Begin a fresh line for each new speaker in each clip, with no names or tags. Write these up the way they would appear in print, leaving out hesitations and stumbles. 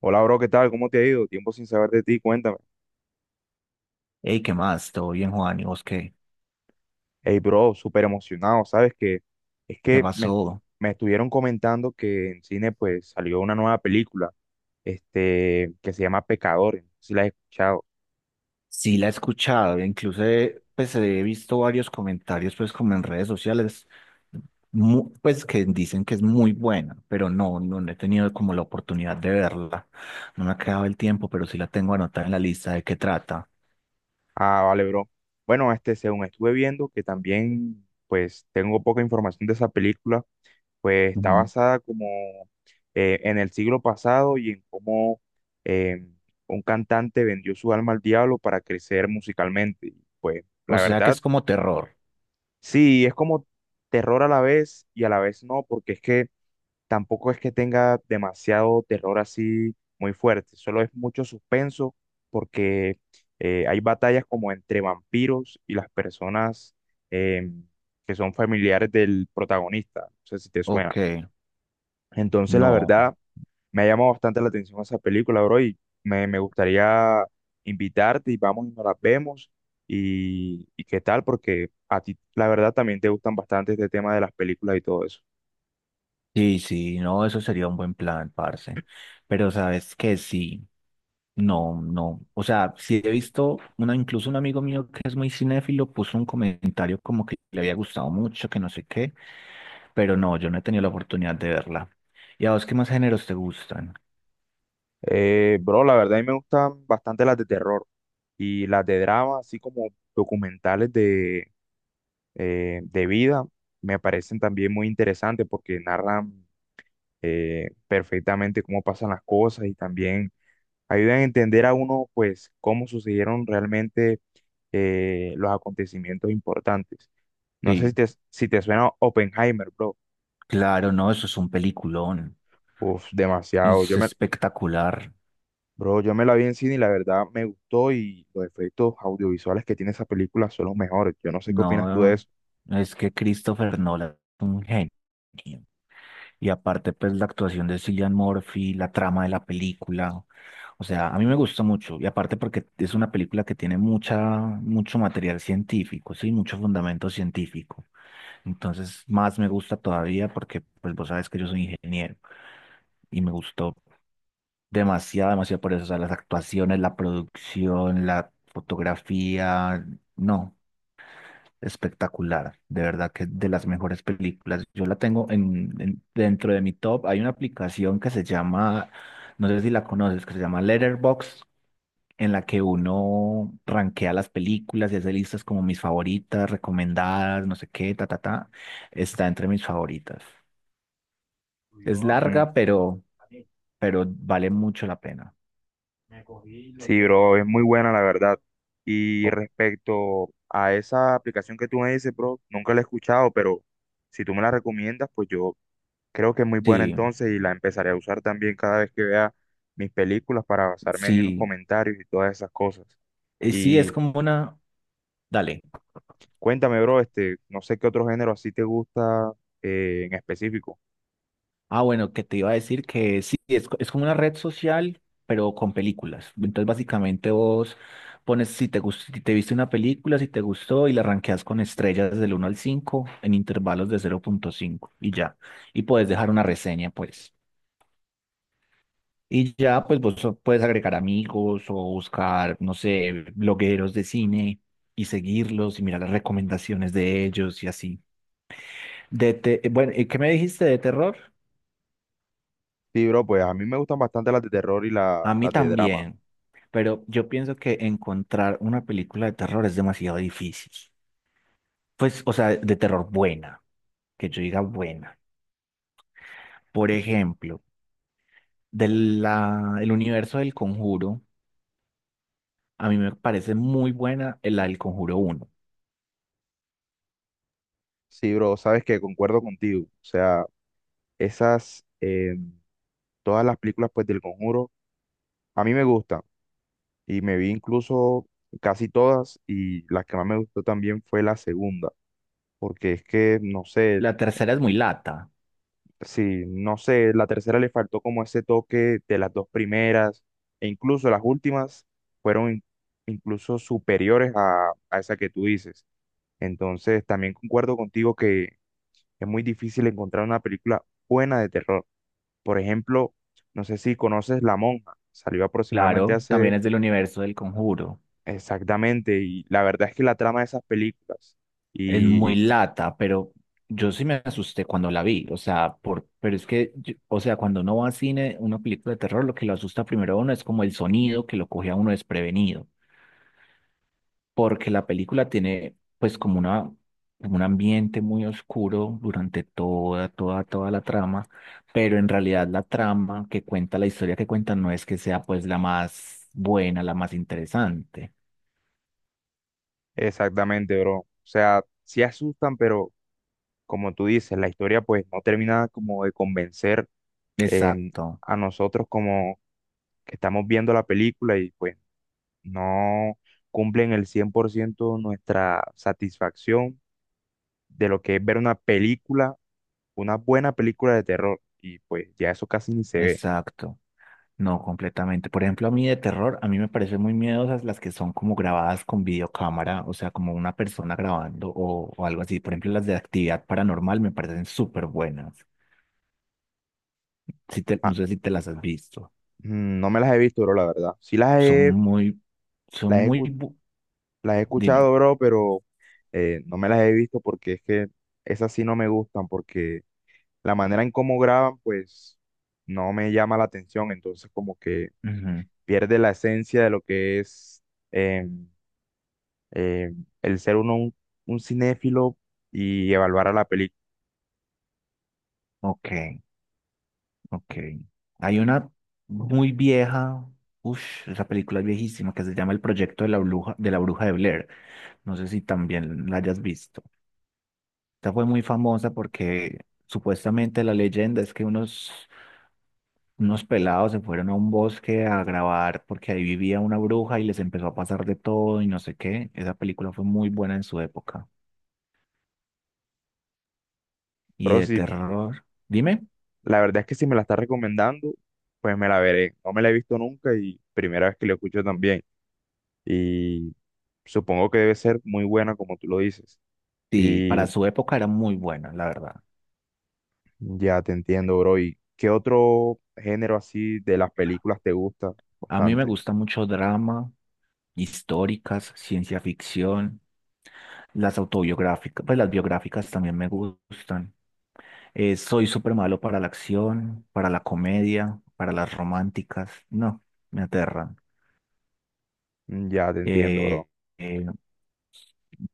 Hola, bro, ¿qué tal? ¿Cómo te ha ido? Tiempo sin saber de ti, cuéntame.
Hey, ¿qué más? ¿Todo bien, Juan? ¿Y vos qué?
Hey, bro, súper emocionado, ¿sabes qué? Es
¿Qué
que me,
pasó?
Me estuvieron comentando que en cine pues salió una nueva película, que se llama Pecadores, no sé si la has escuchado.
Sí, la he escuchado, incluso pues he visto varios comentarios pues como en redes sociales, pues que dicen que es muy buena, pero no he tenido como la oportunidad de verla. No me ha quedado el tiempo, pero sí la tengo anotada en la lista de qué trata.
Ah, vale, bro. Bueno, según estuve viendo, que también pues tengo poca información de esa película, pues está
Ujú.
basada como en el siglo pasado y en cómo eh, un cantante vendió su alma al diablo para crecer musicalmente. Y, pues
O
la
sea que
verdad,
es como terror.
sí, es como terror a la vez y a la vez no, porque es que tampoco es que tenga demasiado terror así muy fuerte, solo es mucho suspenso porque hay batallas como entre vampiros y las personas em, que son familiares del protagonista. No sé si te suena.
Ok,
Entonces, la
no.
verdad, me ha llamado bastante la atención esa película, bro, y me gustaría invitarte y vamos y nos las vemos. Y qué tal, porque a ti, la verdad, también te gustan bastante este tema de las películas y todo eso.
Sí, sí, no, eso sería un buen plan, parce. Pero sabes que sí, no, no. O sea, sí he visto, una, incluso un amigo mío que es muy cinéfilo puso un comentario como que le había gustado mucho, que no sé qué, pero no, yo no he tenido la oportunidad de verla. ¿Y a vos qué más géneros te gustan?
Bro, la verdad, a mí me gustan bastante las de terror y las de drama, así como documentales de, de vida, me parecen también muy interesantes porque narran perfectamente cómo pasan las cosas y también ayudan a entender a uno, pues, cómo sucedieron realmente los acontecimientos importantes. No sé
Sí,
si te suena Oppenheimer, bro.
claro, no, eso es un peliculón.
Uf, demasiado.
Es espectacular.
Bro, yo me la vi en cine y la verdad me gustó y los efectos audiovisuales que tiene esa película son los mejores. Yo no sé qué opinas tú de
No,
eso.
es que Christopher Nolan es un genio. Y aparte, pues la actuación de Cillian Murphy, la trama de la película. O sea, a mí me gusta mucho. Y aparte porque es una película que tiene mucha, mucho material científico, sí, mucho fundamento científico. Entonces, más me gusta todavía porque, pues vos sabes que yo soy ingeniero y me gustó demasiado, demasiado por eso. O sea, las actuaciones, la producción, la fotografía, no. Espectacular, de verdad que de las mejores películas. Yo la tengo dentro de mi top. Hay una aplicación que se llama, no sé si la conoces, que se llama Letterboxd, en la que uno rankea las películas y hace listas como mis favoritas, recomendadas, no sé qué, ta, ta, ta. Está entre mis favoritas. Es
Mm.
larga, pero vale mucho la pena.
Sí, bro, es muy buena la verdad. Y
O-
respecto a esa aplicación que tú me dices, bro, nunca la he escuchado, pero si tú me la recomiendas, pues yo creo que es muy buena
sí,
entonces y la empezaré a usar también cada vez que vea mis películas para basarme ahí en los
sí,
comentarios y todas esas cosas.
y sí, es
Y
como una, dale.
cuéntame, bro, no sé qué otro género así te gusta en específico.
Ah, bueno, que te iba a decir que sí, es, es como una red social, pero con películas. Entonces, básicamente vos pones si te gustó, si te viste una película, si te gustó, y la rankeas con estrellas del 1 al 5 en intervalos de 0,5 y ya. Y puedes dejar una reseña, pues. Y ya, pues vos puedes agregar amigos o buscar, no sé, blogueros de cine y seguirlos y mirar las recomendaciones de ellos y así. Bueno, ¿qué me dijiste de terror?
Sí, bro, pues a mí me gustan bastante las de terror y
A mí
las de drama.
también, pero yo pienso que encontrar una película de terror es demasiado difícil. Pues, o sea, de terror buena, que yo diga buena. Por ejemplo, del el universo del Conjuro, a mí me parece muy buena la del Conjuro uno.
Sí, bro, sabes que concuerdo contigo. O sea, esas, eh, todas las películas pues del Conjuro, a mí me gustan. Y me vi incluso casi todas y las que más me gustó también fue la segunda. Porque es que, no sé,
La tercera es muy lata,
sí, no sé, la tercera le faltó como ese toque de las dos primeras, e incluso las últimas fueron in- incluso superiores a esa que tú dices. Entonces, también concuerdo contigo que es muy difícil encontrar una película buena de terror. Por ejemplo, no sé si conoces La Monja, salió aproximadamente
claro, también
hace
es del universo del Conjuro.
exactamente, y la verdad es que la trama de esas películas,
Es
y
muy lata, pero yo sí me asusté cuando la vi, o sea, por, pero es que, o sea, cuando uno va a cine, una película de terror, lo que lo asusta primero a uno es como el sonido que lo coge a uno desprevenido, porque la película tiene pues como una, como un ambiente muy oscuro durante toda la trama, pero en realidad la trama que cuenta, la historia que cuenta no es que sea pues la más buena, la más interesante.
exactamente, bro, o sea, sí asustan, pero como tú dices, la historia pues no termina como de convencer eh,
Exacto.
a nosotros como que estamos viendo la película y pues no cumplen el 100% nuestra satisfacción de lo que es ver una película, una buena película de terror y pues ya eso casi ni se ve.
Exacto. No, completamente. Por ejemplo, a mí de terror, a mí me parecen muy miedosas las que son como grabadas con videocámara, o sea, como una persona grabando o algo así. Por ejemplo, las de actividad paranormal me parecen súper buenas. Si te, no
Ah,
sé si te las has visto.
mm, no me las he visto, bro, la verdad.
Son muy, son
Las he,
muy,
escu-
bu-
las he
dime.
escuchado, bro, pero no me las he visto porque es que esas sí no me gustan porque la manera en cómo graban, pues no me llama la atención, entonces como que
Ujú.
pierde la esencia de lo que es eh, eh, el ser uno un cinéfilo y evaluar a la película.
Ok, ok. Hay una muy vieja, uff, esa película es viejísima que se llama El Proyecto de la Bruja, de la Bruja de Blair. No sé si también la hayas visto. Esta fue muy famosa porque supuestamente la leyenda es que unos pelados se fueron a un bosque a grabar porque ahí vivía una bruja y les empezó a pasar de todo y no sé qué. Esa película fue muy buena en su época. Y
Pero
de
si
terror, dime,
la verdad es que si me la está recomendando, pues me la veré. No me la he visto nunca y primera vez que la escucho también. Y supongo que debe ser muy buena como tú lo dices.
sí,
Y
para su época era muy buena, la verdad.
ya te entiendo, bro. ¿Y qué otro género así de las películas te gusta
A mí me
bastante?
gusta mucho drama, históricas, ciencia ficción, las autobiográficas, pues las biográficas también me gustan. Soy súper malo para la acción, para la comedia, para las románticas. No, me aterran.
Mm, ya te entiendo,
Eh,
bro.
eh,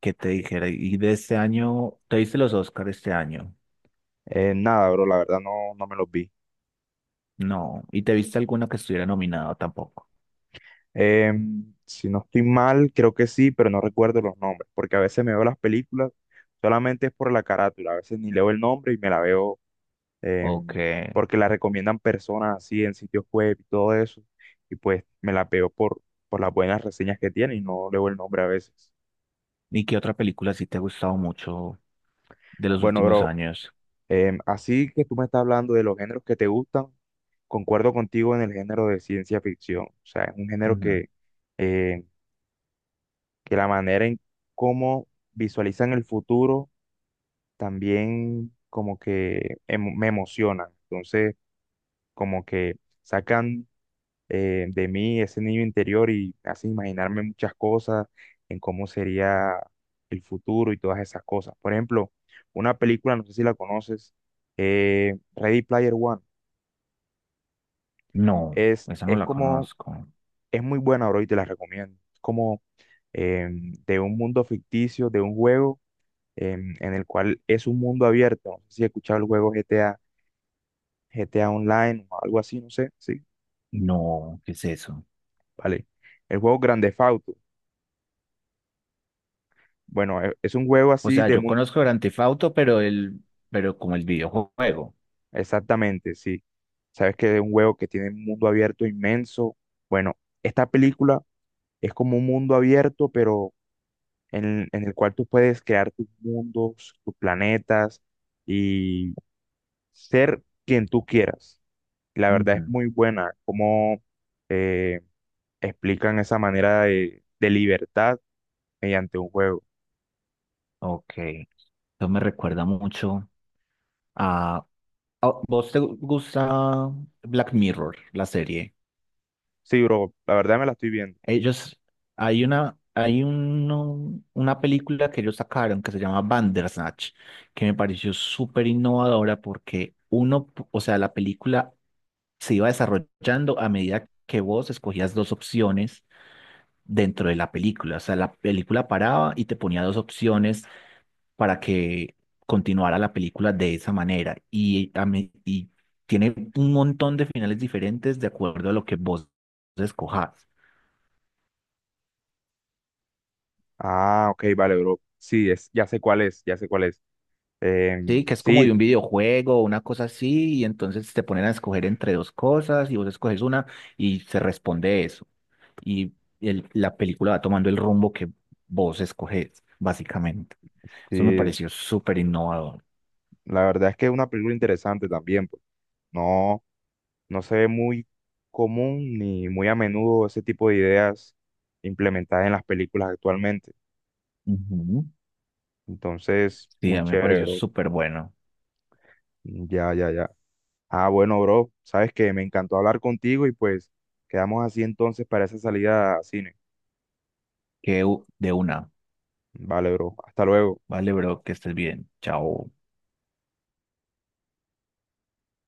¿Qué te dijera? ¿Y de este año, te viste los Oscar este año?
Nada, bro, la verdad no, no me los vi.
No. ¿Y te viste alguna que estuviera nominada tampoco?
Em, si no estoy mal, creo que sí, pero no recuerdo los nombres, porque a veces me veo las películas solamente es por la carátula, a veces ni leo el nombre y me la veo
Ok.
em, porque la recomiendan personas así en sitios web y todo eso, y pues me la veo por las buenas reseñas que tiene y no leo el nombre a veces.
¿Y qué otra película sí te ha gustado mucho de los
Bueno,
últimos
bro,
años?
em, así que tú me estás hablando de los géneros que te gustan, concuerdo contigo en el género de ciencia ficción. O sea, es un género
Ujú.
eh, que la manera en cómo visualizan el futuro también como que me emociona. Entonces, como que sacan de mí ese niño interior y hacen imaginarme muchas cosas en cómo sería el futuro y todas esas cosas. Por ejemplo, una película, no sé si la conoces, Ready Player One.
No,
Es,
esa no
es
la
como,
conozco.
es muy buena, bro, y te la recomiendo. Es como de un mundo ficticio, de un juego en el cual es un mundo abierto. No sé si he escuchado el juego GTA, GTA Online o algo así, no sé. Sí,
No, ¿qué es eso?
vale. El juego Grand Theft Auto. Bueno, es un juego
O
así
sea,
de
yo
mundo.
conozco Grand Theft Auto, pero el, pero como el videojuego.
Exactamente, sí. Sabes que es un juego que tiene un mundo abierto inmenso. Bueno, esta película es como un mundo abierto, pero en el cual tú puedes crear tus mundos, tus planetas y ser quien tú quieras. La verdad es
Ujú.
muy buena cómo eh, explican esa manera de libertad mediante un juego.
Ok. Eso me recuerda mucho a, ¿Vos te gusta Black Mirror, la serie?
Sí, bro, la verdad me la estoy viendo.
Ellos, hay una, una película que ellos sacaron que se llama Bandersnatch, que me pareció súper innovadora porque uno, o sea, la película se iba desarrollando a medida que vos escogías dos opciones dentro de la película. O sea, la película paraba y te ponía dos opciones para que continuara la película de esa manera. Y, y tiene un montón de finales diferentes de acuerdo a lo que vos escojas.
Ah, ok, vale, bro. Sí, es, ya sé cuál es, ya sé cuál es.
Sí,
Em,
que es como de
sí,
un videojuego, una cosa así, y entonces te ponen a escoger entre dos cosas y vos escoges una y se responde eso. Y la película va tomando el rumbo que vos escoges, básicamente. Eso me
sí,
pareció súper innovador.
la verdad es que es una película interesante también, pues. No. No se ve muy común ni muy a menudo ese tipo de ideas implementadas en las películas actualmente.
Ujú.
Entonces,
Sí,
muy
a mí me
chévere,
pareció
bro.
súper bueno.
Ya, ya, ya. Ah, bueno, bro, sabes que me encantó hablar contigo y pues quedamos así entonces para esa salida a cine.
Que de una.
Vale, bro. Hasta luego.
Vale, bro, que estés bien. Chao.